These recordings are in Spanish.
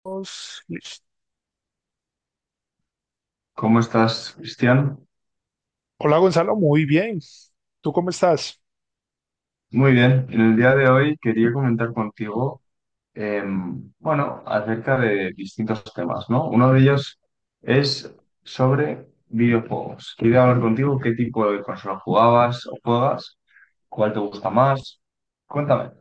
Estamos listos. ¿Cómo estás, Cristian? Hola Gonzalo, muy bien. ¿Tú cómo estás? Muy bien. En el día de hoy quería comentar contigo, bueno, acerca de distintos temas, ¿no? Uno de ellos es sobre videojuegos. Quería hablar contigo qué tipo de consola jugabas o juegas, cuál te gusta más. Cuéntame.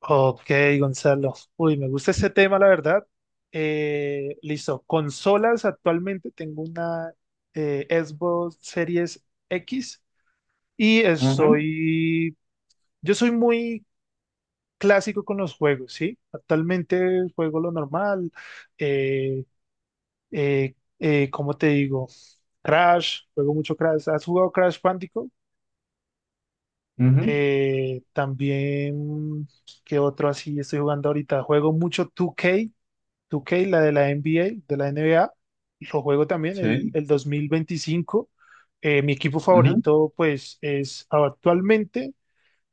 Ok, Gonzalo. Uy, me gusta este tema, la verdad. Listo. Consolas, actualmente tengo una Xbox Series X. Y Ujú. estoy, yo soy muy clásico con los juegos, ¿sí? Actualmente juego lo normal, eh, ¿cómo te digo? Crash, juego mucho Crash. ¿Has jugado Crash Bandicoot? Ujú. También, ¿qué otro así estoy jugando ahorita? Juego mucho 2K, la de la NBA. Lo juego también el, Sí. el 2025. Mi equipo Ujú. favorito, pues, es actualmente,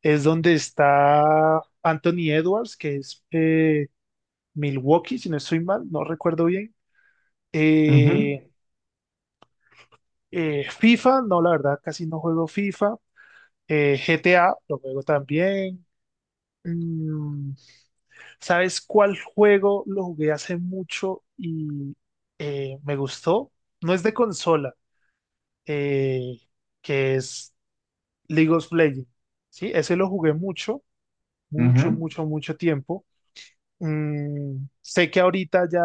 es donde está Anthony Edwards, que es Milwaukee, si no estoy mal, no recuerdo bien. Ujú. Eh, FIFA, no, la verdad, casi no juego FIFA. GTA, lo juego también. Mm, ¿Sabes cuál juego lo jugué hace mucho y me gustó? No es de consola, eh, que es League of Legends. Sí, ese lo jugué mucho, mucho, Ujú. mucho, mucho tiempo. Sé que ahorita ya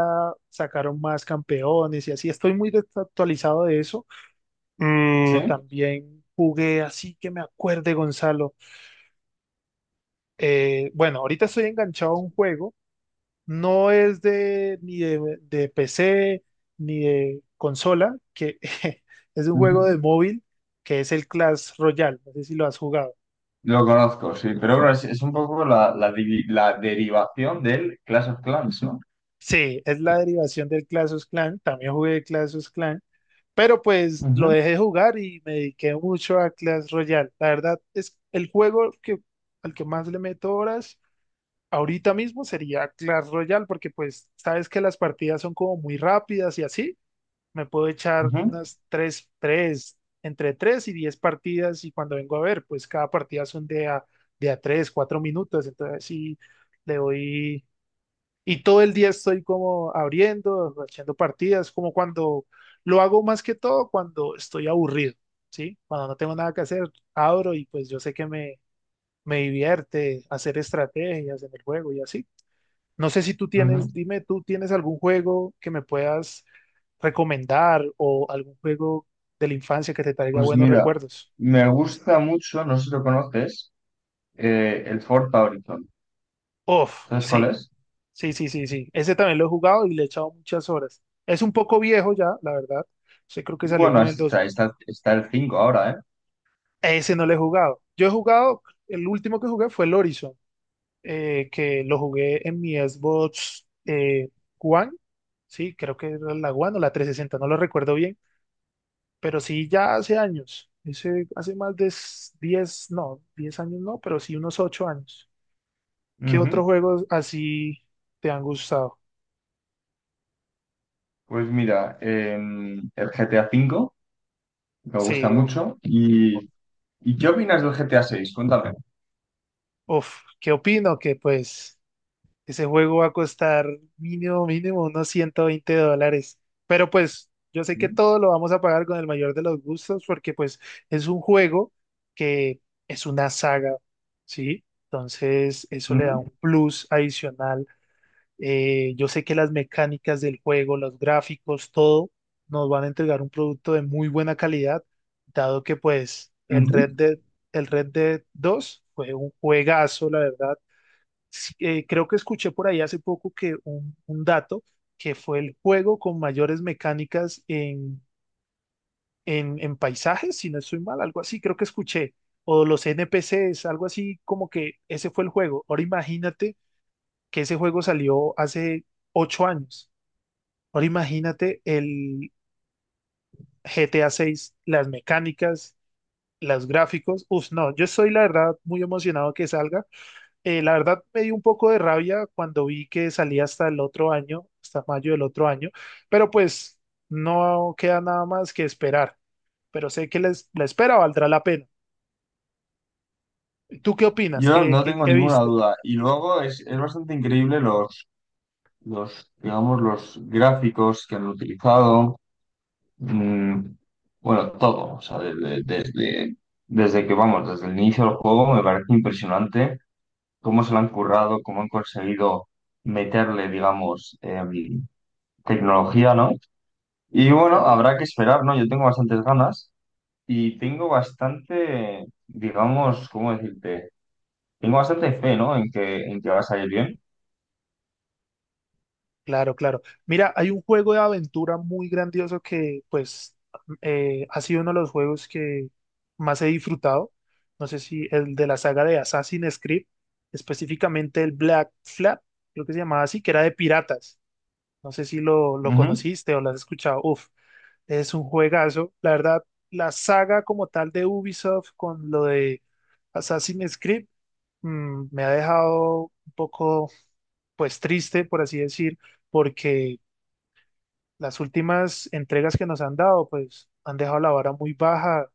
sacaron más campeones y así, estoy muy desactualizado de eso. Sí. También jugué así que me acuerde, Gonzalo. Bueno, ahorita estoy enganchado a un juego, no es de ni de PC ni de consola, que es un juego de Ujú. móvil que es el Clash Royale, no sé si lo has jugado. Lo conozco, sí, pero bueno, es un poco la derivación del Clash of Clans, ¿no? Sí, es la derivación del Clash of Clans, también jugué Clash of Clans. Pero pues lo dejé jugar y me dediqué mucho a Clash Royale. La verdad es el juego que, al que más le meto horas ahorita mismo sería Clash Royale porque pues sabes que las partidas son como muy rápidas y así. Me puedo echar Ujú. unas 3 3 entre 3 y 10 partidas y cuando vengo a ver pues cada partida son de a 3 4 minutos. Entonces sí le doy y todo el día estoy como abriendo, haciendo partidas, como cuando lo hago más que todo cuando estoy aburrido, ¿sí? Cuando no tengo nada que hacer, abro y pues yo sé que me divierte hacer estrategias en el juego y así. No sé si tú tienes, Ujú. dime, ¿tú tienes algún juego que me puedas recomendar o algún juego de la infancia que te traiga Pues buenos mira, recuerdos? me gusta mucho, no sé si lo conoces, el Ford Horizon. Uf, ¿Sabes cuál sí, es? sí, sí, sí, sí. Ese también lo he jugado y le he echado muchas horas. Es un poco viejo ya, la verdad. Yo creo que salió Bueno, como en el. está el 5 ahora, ¿eh? Ese no lo he jugado. Yo he jugado, el último que jugué fue el Horizon, que lo jugué en mi Xbox One, sí, creo que era la One o la 360, no lo recuerdo bien, pero sí ya hace años, ese, hace más de 10, no, 10 años no, pero sí unos 8 años. ¿Qué otros Ujú. juegos así te han gustado? Pues mira, el GTA 5 me gusta Sí, mucho. o- ¿Y, qué opinas del GTA 6? Cuéntame. uf, ¿qué opino? Que pues... Ese juego va a costar mínimo, mínimo unos $120. Pero pues yo sé que Ujú. todo lo vamos a pagar con el mayor de los gustos porque pues es un juego que es una saga, ¿sí? Entonces eso le da un plus adicional. Yo sé que las mecánicas del juego, los gráficos, todo nos van a entregar un producto de muy buena calidad, dado que pues Ujú. El Red Dead 2 fue un juegazo, la verdad sí, creo que escuché por ahí hace poco que un dato que fue el juego con mayores mecánicas en paisajes, si no estoy mal, algo así, creo que escuché, o los NPCs, algo así como que ese fue el juego. Ahora imagínate que ese juego salió hace 8 años. Ahora imagínate el GTA 6, las mecánicas, los gráficos. Uf, no, yo estoy la verdad muy emocionado que salga. La verdad me dio un poco de rabia cuando vi que salía hasta el otro año, hasta mayo del otro año, pero pues no queda nada más que esperar, pero sé que la espera valdrá la pena. ¿Tú qué opinas? Yo ¿Qué, no qué, tengo qué ninguna viste? duda. Y luego es bastante increíble, digamos, los gráficos que han utilizado. Mm, bueno, todo, o sea, desde, desde, desde que vamos, desde el inicio del juego me parece impresionante cómo se lo han currado, cómo han conseguido meterle, digamos, tecnología, ¿no? Y bueno, Sí, habrá que esperar, ¿no? Yo tengo bastantes ganas y tengo bastante, digamos, ¿cómo decirte? Tengo bastante fe, ¿no? En que va a salir bien. claro, claro. Mira, hay un juego de aventura muy grandioso que pues ha sido uno de los juegos que más he disfrutado. No sé si el de la saga de Assassin's Creed, específicamente el Black Flag, creo que se llamaba así, que era de piratas. No sé si lo Ujú. conociste o lo has escuchado. Uf, es un juegazo. La verdad, la saga como tal de Ubisoft con lo de Assassin's Creed me ha dejado un poco, pues triste, por así decir, porque las últimas entregas que nos han dado, pues han dejado la vara muy baja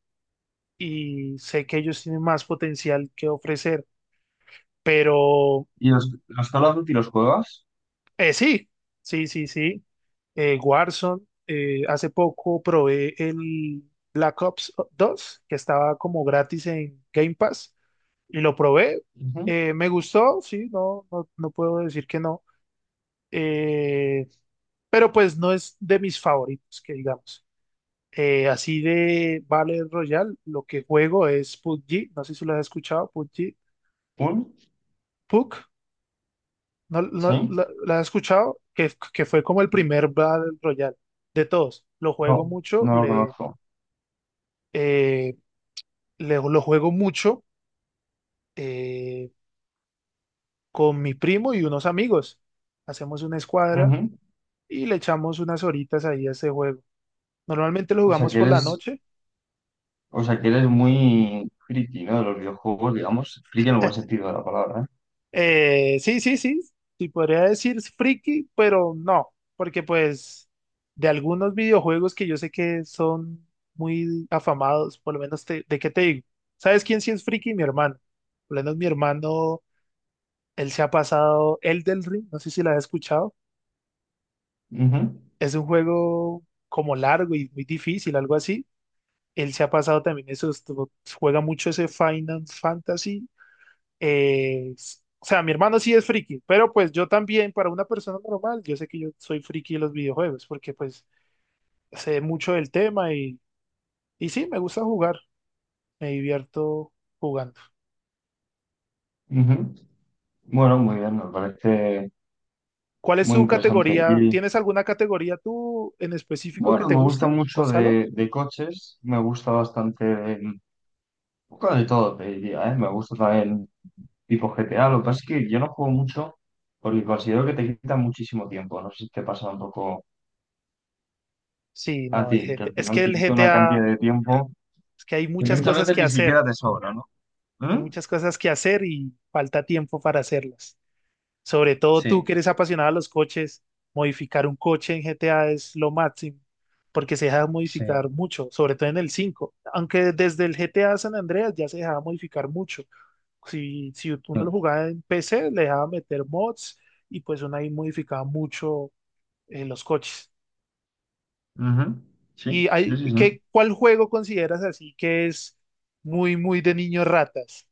y sé que ellos tienen más potencial que ofrecer, pero... ¿Y los Call of Duty los juegas? Sí, sí, sí, sí. Warzone, hace poco probé el Black Ops 2 que estaba como gratis en Game Pass, y lo probé. Ujú. Me gustó, sí, no, no, no puedo decir que no. Eh, pero pues no es de mis favoritos, que digamos. Así de Battle Royale, lo que juego es PUBG, no sé si lo has escuchado, PUBG. ¿Un? PUC. No, ¿Sí? la has escuchado que, fue como el primer Battle Royale de todos. Lo juego No, mucho, no lo conozco. eh, lo juego mucho eh, con mi primo y unos amigos. Hacemos una escuadra Ujú. y le echamos unas horitas ahí a ese juego. Normalmente lo O sea jugamos que por la eres, noche. o sea que eres muy friki, ¿no? De los videojuegos, digamos, friki en el buen sentido de la palabra, ¿eh? Sí, sí, sí, sí podría decir friki, pero no, porque pues de algunos videojuegos que yo sé que son muy afamados, por lo menos de qué te digo. ¿Sabes quién sí es friki? Mi hermano. Por lo menos mi hermano, él se ha pasado Elden Ring, no sé si la has escuchado. Ujú. Es un juego como largo y muy difícil, algo así. Él se ha pasado también eso, juega mucho ese Final Fantasy. O sea, mi hermano sí es friki, pero pues yo también, para una persona normal, yo sé que yo soy friki de los videojuegos, porque pues sé mucho del tema y sí, me gusta jugar, me divierto jugando. Ujú. Bueno, muy bien, me parece ¿Cuál es muy su interesante. categoría? Y ¿Tienes alguna categoría tú en específico que bueno, te me gusta guste, mucho Gonzalo? de coches, me gusta bastante un poco de todo, te diría, ¿eh? Me gusta también tipo GTA, lo que pasa es que yo no juego mucho porque considero que te quita muchísimo tiempo, no sé si te pasa un poco Sí, a no, ti, el que GT. al Es final que te el quita una GTA, cantidad de tiempo es que hay que muchas muchas cosas veces que ni hacer, siquiera te sobra, ¿no? hay ¿Mm? muchas cosas que hacer y falta tiempo para hacerlas. Sobre todo tú que Sí. eres apasionado a los coches, modificar un coche en GTA es lo máximo, porque se deja Sí. modificar mucho, sobre todo en el 5, aunque desde el GTA San Andreas ya se dejaba modificar mucho. Si, si Sí. uno lo Ujú. jugaba en PC, le dejaba meter mods y pues uno ahí modificaba mucho los coches. Sí, ¿Y sí, hay, sí, sí. qué, cuál juego consideras así que es muy, muy de niños ratas?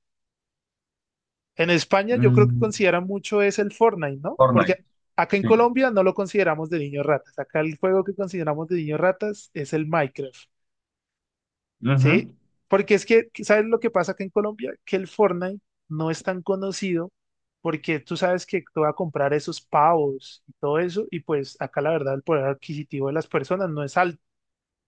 En España yo creo que Mm, consideran mucho es el Fortnite, ¿no? Fortnite, Porque acá en sí. Colombia no lo consideramos de niños ratas. Acá el juego que consideramos de niños ratas es el Minecraft, Ujú. ¿sí? Porque es que, ¿sabes lo que pasa acá en Colombia? Que el Fortnite no es tan conocido porque tú sabes que tú vas a comprar esos pavos y todo eso y pues acá la verdad el poder adquisitivo de las personas no es alto.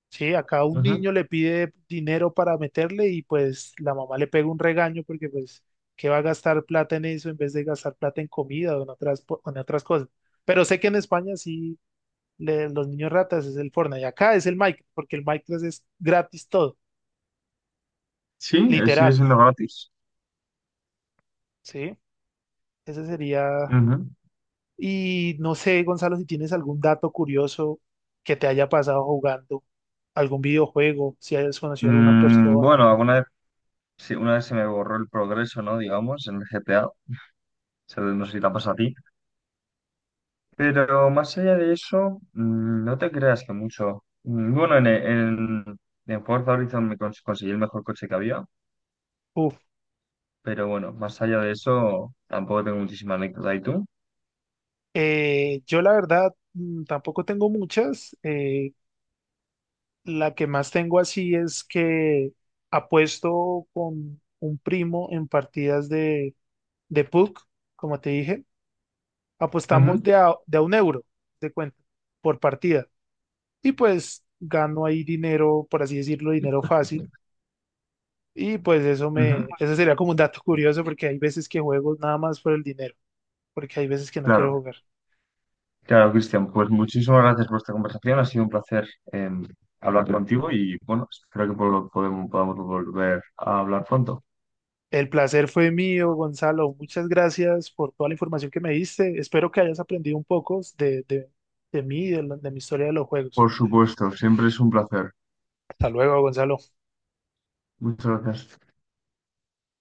Sí, acá un Ujú. niño le pide dinero para meterle y pues la mamá le pega un regaño porque pues, ¿qué va a gastar plata en eso en vez de gastar plata en comida o en otras, en otras cosas? Pero sé que en España sí, los niños ratas es el Fortnite y acá es el Minecraft porque el Minecraft es gratis todo, Sí, sigue literal, siendo gratis. ¿sí? Ese sería... Ujú. Y no sé, Gonzalo, si tienes algún dato curioso que te haya pasado jugando, algún videojuego, si hayas conocido a alguna persona. Bueno, alguna vez, sí, una vez se me borró el progreso, ¿no? Digamos, en el GTA. O sea, no sé si te ha pasado a ti. Pero más allá de eso, no te creas que mucho. Bueno, en, Forza Horizon conseguí el mejor coche que había. Uf. Pero bueno, más allá de eso, tampoco tengo muchísima anécdota. ¿Y tú? Yo la verdad tampoco tengo muchas. La que más tengo así es que apuesto con un primo en partidas de PUC, como te dije. Apostamos Ujú. de a 1 € de cuenta por partida. Y pues gano ahí dinero, por así decirlo, dinero fácil. Y pues Ujú. Eso sería como un dato curioso porque hay veces que juego nada más por el dinero, porque hay veces que no quiero Claro. jugar. Claro, Cristian, pues muchísimas gracias por esta conversación. Ha sido un placer, hablar contigo y bueno, espero que podemos, podamos volver a hablar pronto. El placer fue mío, Gonzalo. Muchas gracias por toda la información que me diste. Espero que hayas aprendido un poco de mí, de mi historia de los juegos. Por supuesto, siempre es un placer. Hasta luego, Gonzalo. Muchas gracias.